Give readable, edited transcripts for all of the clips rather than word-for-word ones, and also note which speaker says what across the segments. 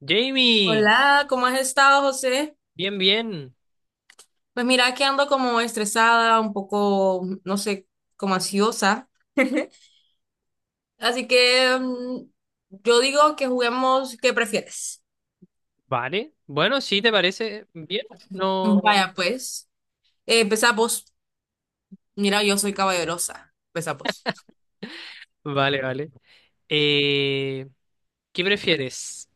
Speaker 1: Jamie,
Speaker 2: Hola, ¿cómo has estado, José?
Speaker 1: bien, bien.
Speaker 2: Pues mira que ando como estresada, un poco, no sé, como ansiosa. Así que yo digo que juguemos, ¿qué prefieres?
Speaker 1: Vale. Bueno, sí, ¿te parece bien? No.
Speaker 2: Vaya, pues. Empezamos. Mira, yo soy caballerosa. Empezamos.
Speaker 1: Vale, vale. Eh, ¿Qué prefieres?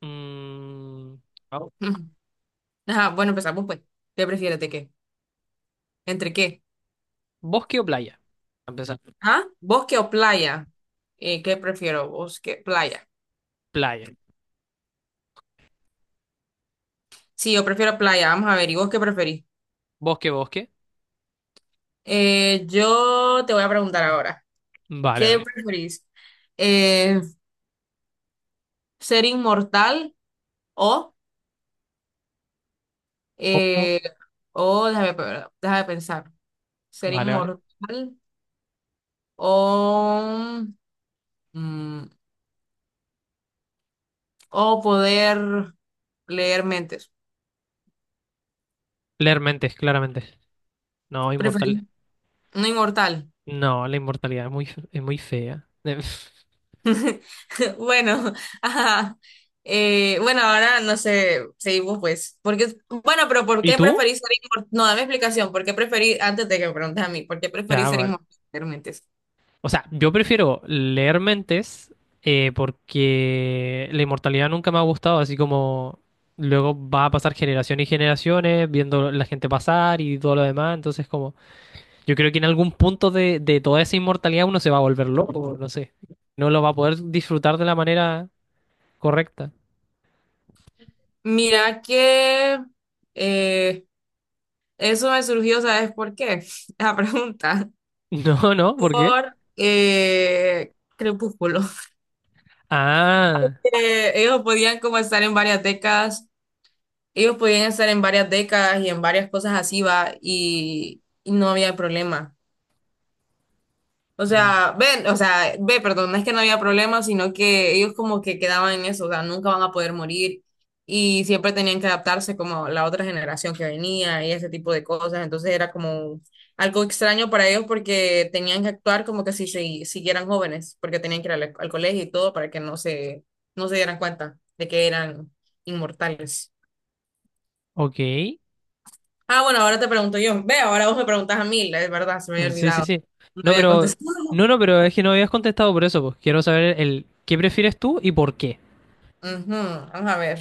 Speaker 1: Mm, au-
Speaker 2: Ujú. Ajá, bueno, empezamos pues. ¿Qué prefieres de qué? ¿Entre qué?
Speaker 1: ¿Bosque o playa? A empezar,
Speaker 2: ¿Ah? ¿Bosque o playa? ¿Qué prefiero? ¿Bosque, playa?
Speaker 1: playa.
Speaker 2: Sí, yo prefiero playa. Vamos a ver, ¿y vos qué preferís?
Speaker 1: ¿Bosque, bosque?
Speaker 2: Yo te voy a preguntar ahora.
Speaker 1: Vale,
Speaker 2: ¿Qué
Speaker 1: vale.
Speaker 2: preferís? Eh, ¿Ser inmortal o,
Speaker 1: Ojo,
Speaker 2: eh, o déjame, déjame pensar, ser
Speaker 1: vale, vale.
Speaker 2: inmortal o, mm, o poder leer mentes?
Speaker 1: Leer mentes, claramente. No,
Speaker 2: ¿Preferís?
Speaker 1: inmortal.
Speaker 2: No inmortal.
Speaker 1: No, la inmortalidad es muy fea.
Speaker 2: Bueno, ajá. Bueno, ahora no sé, seguimos pues. Porque, bueno, pero ¿por
Speaker 1: ¿Y
Speaker 2: qué
Speaker 1: tú?
Speaker 2: preferís ser inmortal? No, dame explicación. ¿Por qué preferís, antes de que me preguntes a mí, ¿por qué
Speaker 1: Ya,
Speaker 2: preferís ser
Speaker 1: vale.
Speaker 2: inmortal? ¿Leer mentes?
Speaker 1: O sea, yo prefiero leer mentes porque la inmortalidad nunca me ha gustado, así como luego va a pasar generaciones y generaciones viendo la gente pasar y todo lo demás, entonces como yo creo que en algún punto de toda esa inmortalidad uno se va a volver loco, no sé, no lo va a poder disfrutar de la manera correcta.
Speaker 2: Mira que eh, eso me surgió, ¿sabes por qué? La pregunta.
Speaker 1: No, no, ¿por qué?
Speaker 2: Por Crepúsculo.
Speaker 1: Ah,
Speaker 2: Ellos podían como estar en varias décadas, ellos podían estar en varias décadas y en varias cosas así, va, y no había problema. O
Speaker 1: mm,
Speaker 2: sea, ven, o sea, ve, perdón, no es que no había problema, sino que ellos como que quedaban en eso, o sea, nunca van a poder morir y siempre tenían que adaptarse como la otra generación que venía y ese tipo de cosas, entonces era como algo extraño para ellos porque tenían que actuar como que si se siguieran jóvenes, porque tenían que ir al colegio y todo para que no se, no se dieran cuenta de que eran inmortales.
Speaker 1: ok, sí,
Speaker 2: Ah, bueno, ahora te pregunto yo, ve, ahora vos me preguntás a mí, es verdad, se me había
Speaker 1: sí,
Speaker 2: olvidado,
Speaker 1: sí.
Speaker 2: no
Speaker 1: No,
Speaker 2: había
Speaker 1: pero,
Speaker 2: contestado.
Speaker 1: es que no habías contestado por eso, pues quiero saber ¿qué prefieres tú y por qué?
Speaker 2: Ujú. Vamos a ver.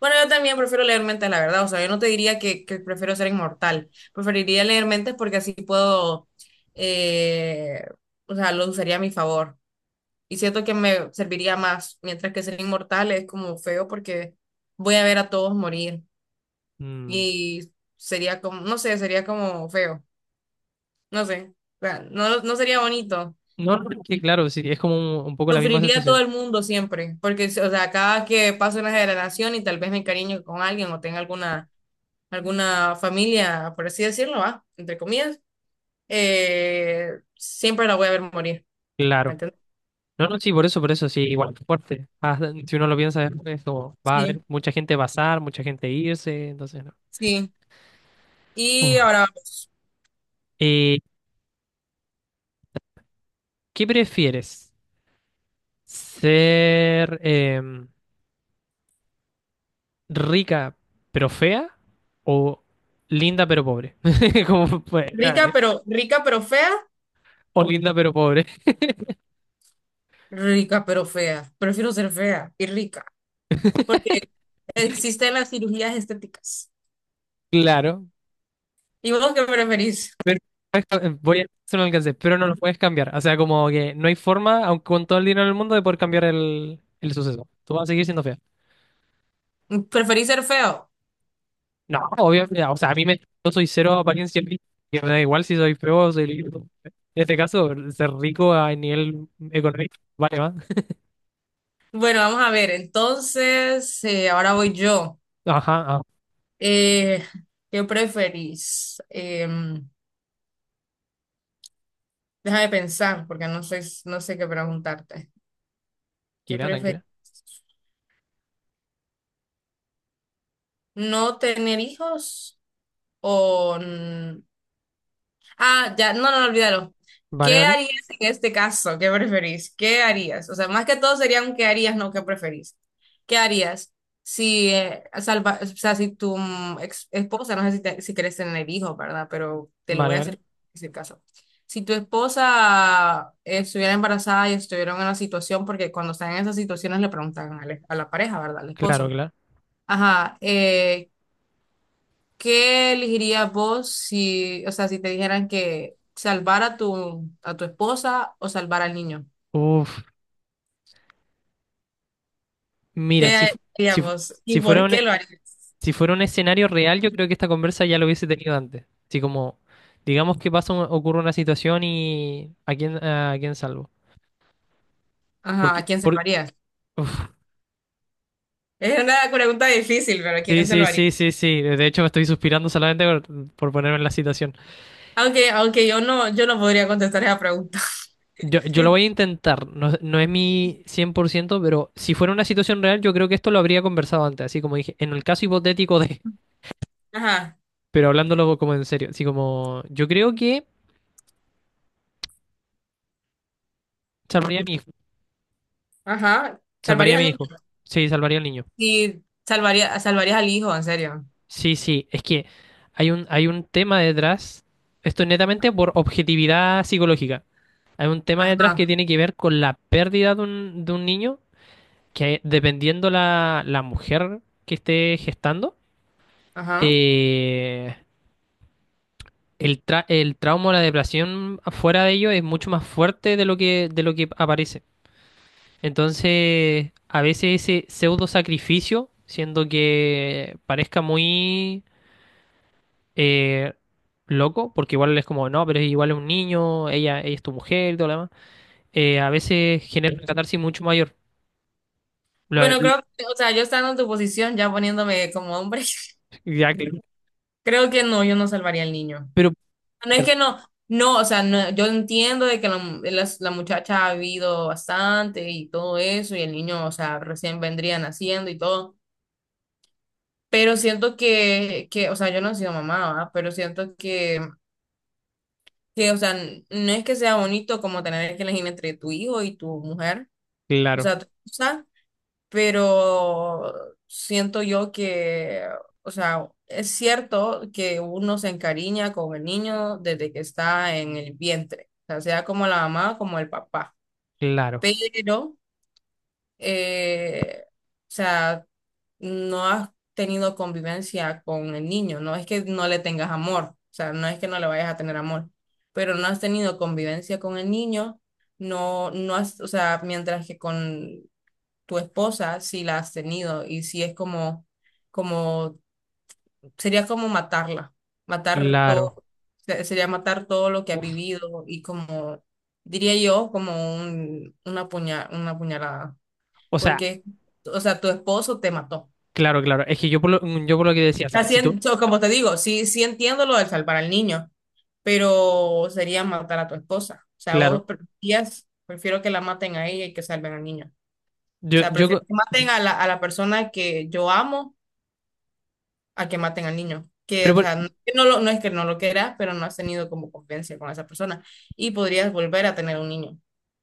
Speaker 2: Bueno, yo también prefiero leer mentes, la verdad. O sea, yo no te diría que prefiero ser inmortal. Preferiría leer mentes porque así puedo, eh, o sea, lo usaría a mi favor. Y siento que me serviría más, mientras que ser inmortal es como feo porque voy a ver a todos morir.
Speaker 1: Mm,
Speaker 2: Y sería como, no sé, sería como feo. No sé. O sea, no, no sería bonito.
Speaker 1: no, no, es que claro, sí, es como un poco la misma
Speaker 2: Sufriría a todo
Speaker 1: sensación.
Speaker 2: el mundo siempre, porque, o sea, cada que paso una generación y tal vez me encariño con alguien o tenga alguna alguna familia, por así decirlo, va, entre comillas, siempre la voy a ver morir, ¿me
Speaker 1: Claro.
Speaker 2: entiendes?
Speaker 1: No, no, sí, por eso, sí, igual fuerte. Ah, si uno lo piensa, es como, va a
Speaker 2: Sí,
Speaker 1: haber mucha gente pasar, mucha gente irse, entonces no.
Speaker 2: sí. Y
Speaker 1: Uf.
Speaker 2: ahora, vamos.
Speaker 1: Eh, ¿Qué prefieres? ¿Ser rica pero fea o linda pero pobre? Como, pues,
Speaker 2: Rica
Speaker 1: grave.
Speaker 2: pero, rica pero fea,
Speaker 1: O linda pero pobre,
Speaker 2: rica pero fea. Prefiero ser fea y rica, porque existen las cirugías estéticas.
Speaker 1: claro.
Speaker 2: ¿Y vos qué preferís?
Speaker 1: Perfecto, voy a hacer un alcance, pero no lo puedes cambiar. O sea, como que no hay forma, aunque con todo el dinero del mundo, de poder cambiar el suceso. Tú vas a seguir siendo fea.
Speaker 2: ¿Preferís ser feo?
Speaker 1: No, obviamente, o sea, yo soy cero apariencia física, que me da igual si soy feo o soy lindo. En este caso, ser rico a nivel económico, vale, va.
Speaker 2: Bueno, vamos a ver, entonces, ahora voy yo.
Speaker 1: Ajá, ah,
Speaker 2: Eh, ¿Qué preferís? Deja de pensar, porque no sé qué preguntarte. ¿Qué
Speaker 1: tranquila, tranquila.
Speaker 2: prefieres? ¿No tener hijos o, ah, ya, no, no, olvídalo.
Speaker 1: Vale,
Speaker 2: ¿Qué
Speaker 1: vale,
Speaker 2: harías en este caso? ¿Qué preferís? ¿Qué harías? O sea, más que todo sería un qué harías, no qué preferís. ¿Qué harías si, salva, o sea, si tu esposa, no sé si, si quieres tener hijos, ¿verdad? Pero te lo
Speaker 1: vale,
Speaker 2: voy a
Speaker 1: vale.
Speaker 2: hacer ese caso. Si tu esposa estuviera embarazada y estuviera en una situación, porque cuando están en esas situaciones le preguntan a la pareja, ¿verdad? Al
Speaker 1: Claro,
Speaker 2: esposo.
Speaker 1: claro.
Speaker 2: Ajá, ¿qué elegirías vos si, o sea, si te dijeran que salvar a tu esposa o salvar al niño?
Speaker 1: Uf, mira,
Speaker 2: ¿Qué harías
Speaker 1: si, fu-
Speaker 2: vos? ¿Y
Speaker 1: si fuera
Speaker 2: por
Speaker 1: un,
Speaker 2: qué lo harías?
Speaker 1: si fuera un escenario real, yo creo que esta conversa ya lo hubiese tenido antes. Así como, digamos que pasa, ocurre una situación y ¿a quién salvo?
Speaker 2: Ajá, ¿a
Speaker 1: Porque,
Speaker 2: quién salvarías? Es una pregunta difícil, pero ¿a
Speaker 1: sí,
Speaker 2: quién
Speaker 1: sí,
Speaker 2: salvarías?
Speaker 1: sí, sí, sí. De hecho, me estoy suspirando solamente por ponerme en la situación.
Speaker 2: Aunque, aunque yo no podría contestar esa pregunta.
Speaker 1: Yo lo voy a intentar. No, no es mi 100%, pero si fuera una situación real, yo creo que esto lo habría conversado antes. Así como dije, en el caso hipotético de.
Speaker 2: Ajá.
Speaker 1: Pero hablándolo como en serio. Así como, yo creo que salvaría a mi hijo.
Speaker 2: Ajá.
Speaker 1: Salvaría a
Speaker 2: ¿Salvarías al
Speaker 1: mi
Speaker 2: niño?
Speaker 1: hijo. Sí, salvaría al niño.
Speaker 2: Sí, salvaría, salvarías al hijo, en serio.
Speaker 1: Sí, sí, es que hay un tema detrás, esto es netamente por objetividad psicológica, hay un tema detrás que
Speaker 2: Ajá,
Speaker 1: tiene que ver con la pérdida de un niño, que dependiendo la mujer que esté gestando,
Speaker 2: ajá.
Speaker 1: eh, el trauma o la depresión fuera de ello es mucho más fuerte de lo que aparece. Entonces, a veces ese pseudo sacrificio, siendo que parezca muy eh, loco, porque igual es como, no, pero igual es un niño, ella, es tu mujer y todo lo demás, a veces genera una catarsis mucho mayor. Lo-
Speaker 2: Bueno, creo
Speaker 1: lo-
Speaker 2: que, o sea, yo estando en tu posición, ya poniéndome como hombre,
Speaker 1: ya,
Speaker 2: creo que no, yo no salvaría al niño.
Speaker 1: pero
Speaker 2: No es que no, no, o sea, no, yo entiendo de que la, las- la muchacha ha vivido bastante y todo eso, y el niño, o sea, recién vendría naciendo y todo, pero siento que, o sea, yo no he sido mamá, ¿va? Pero siento que, o sea, no es que sea bonito como tener que elegir entre tu hijo y tu mujer, o
Speaker 1: claro,
Speaker 2: sea, tu pero siento yo que, o sea, es cierto que uno se encariña con el niño desde que está en el vientre, o sea, sea como la mamá como el papá,
Speaker 1: claro,
Speaker 2: pero, o sea, no has tenido convivencia con el niño, no es que no le tengas amor, o sea, no es que no le vayas a tener amor, pero no has tenido convivencia con el niño. No, no has, o sea, mientras que con tu esposa si la has tenido y si es como, como, sería como matarla, matar
Speaker 1: claro.
Speaker 2: todo, sería matar todo lo que has
Speaker 1: Uf.
Speaker 2: vivido y como, diría yo, como un, una puña, una puñalada,
Speaker 1: O sea,
Speaker 2: porque, o sea, tu esposo te mató.
Speaker 1: claro, claro. Es que yo por lo que decía, o sea,
Speaker 2: Así,
Speaker 1: si tú,
Speaker 2: so, como te digo, sí, sí entiendo lo de salvar al niño, pero sería matar a tu esposa. O sea, vos
Speaker 1: claro,
Speaker 2: preferías, prefiero que la maten a ella y que salven al niño. O
Speaker 1: yo,
Speaker 2: sea,
Speaker 1: yo, co-
Speaker 2: prefiero que
Speaker 1: yo-
Speaker 2: maten a la persona que yo amo a que maten al niño. Que,
Speaker 1: pero
Speaker 2: o sea, no, que no lo, no es que no lo quieras, pero no has tenido como convivencia con esa persona y podrías volver a tener un niño.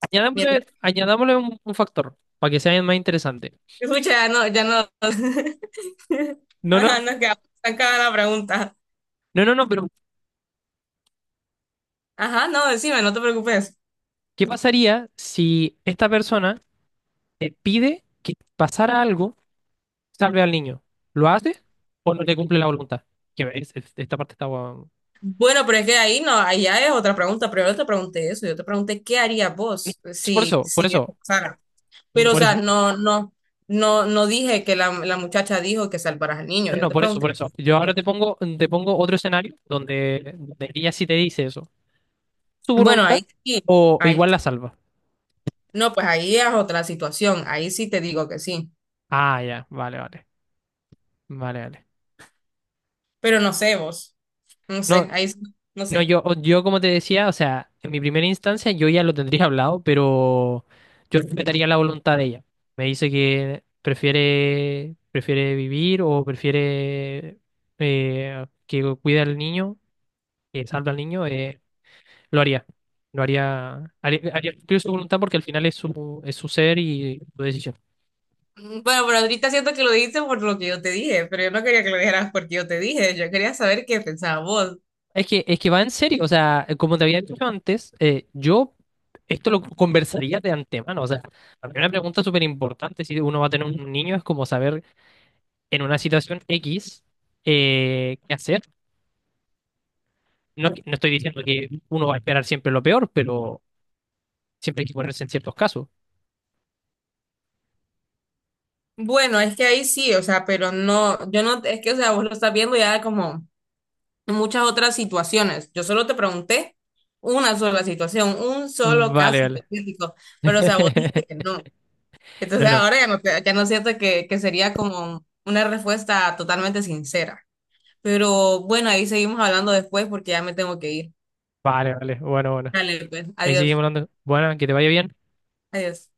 Speaker 1: añadámosle,
Speaker 2: Mientras,
Speaker 1: añadámosle un factor para que sea más interesante.
Speaker 2: escucha, ya no, ya no.
Speaker 1: No,
Speaker 2: Ajá,
Speaker 1: no,
Speaker 2: nos quedamos estancada la pregunta.
Speaker 1: no, no, no, pero
Speaker 2: Ajá, no, decime, no te preocupes.
Speaker 1: ¿qué pasaría si esta persona te pide que pasara algo? Salve al niño. ¿Lo hace o no le cumple la voluntad? Que esta parte está guau.
Speaker 2: Bueno, pero es que ahí no, ahí ya es otra pregunta, pero yo te pregunté eso, yo te pregunté qué harías vos
Speaker 1: Es por
Speaker 2: si,
Speaker 1: eso, por
Speaker 2: si eso
Speaker 1: eso,
Speaker 2: pasara. Pero, o
Speaker 1: por
Speaker 2: sea,
Speaker 1: eso.
Speaker 2: no, no, no, no dije que la muchacha dijo que salvaras al niño,
Speaker 1: No,
Speaker 2: yo
Speaker 1: no,
Speaker 2: te
Speaker 1: por eso,
Speaker 2: pregunté
Speaker 1: por eso. Yo
Speaker 2: qué
Speaker 1: ahora te
Speaker 2: harías.
Speaker 1: pongo, te pongo otro escenario donde ella sí te dice eso. ¿Su
Speaker 2: Bueno,
Speaker 1: voluntad
Speaker 2: ahí sí.
Speaker 1: o
Speaker 2: Ahí
Speaker 1: igual la salva?
Speaker 2: no, pues ahí es otra situación, ahí sí te digo que sí,
Speaker 1: Ah, ya, vale, vale, vale, vale.
Speaker 2: pero no sé vos, no sé,
Speaker 1: No.
Speaker 2: ahí sí, no
Speaker 1: No,
Speaker 2: sé.
Speaker 1: yo como te decía, o sea, en mi primera instancia yo ya lo tendría hablado, pero yo respetaría la voluntad de ella. Me dice que prefiere vivir o prefiere que cuida al niño, que salva al niño, lo haría. Lo haría, haría cumplir su voluntad porque al final es su ser y su decisión.
Speaker 2: Bueno, pero ahorita siento que lo dijiste por lo que yo te dije, pero yo no quería que lo dijeras porque yo te dije, yo quería saber qué pensabas vos.
Speaker 1: Es que va en serio, o sea, como te había dicho antes, yo esto lo conversaría de antemano, o sea, la primera pregunta súper importante si uno va a tener un niño es como saber en una situación X qué hacer. No, no estoy diciendo que uno va a esperar siempre lo peor, pero siempre hay que ponerse en ciertos casos.
Speaker 2: Bueno, es que ahí sí, o sea, pero no, yo no, es que, o sea, vos lo estás viendo ya como en muchas otras situaciones. Yo solo te pregunté una sola situación, un solo
Speaker 1: Vale,
Speaker 2: caso
Speaker 1: vale.
Speaker 2: hipotético, pero, o sea, vos dijiste que no.
Speaker 1: No,
Speaker 2: Entonces
Speaker 1: no,
Speaker 2: ahora ya no, ya no siento que sería como una respuesta totalmente sincera. Pero bueno, ahí seguimos hablando después porque ya me tengo que ir.
Speaker 1: vale, vale. Bueno, bueno.
Speaker 2: Dale, pues,
Speaker 1: Ahí
Speaker 2: adiós,
Speaker 1: seguimos hablando. Bueno, que te vaya bien.
Speaker 2: adiós.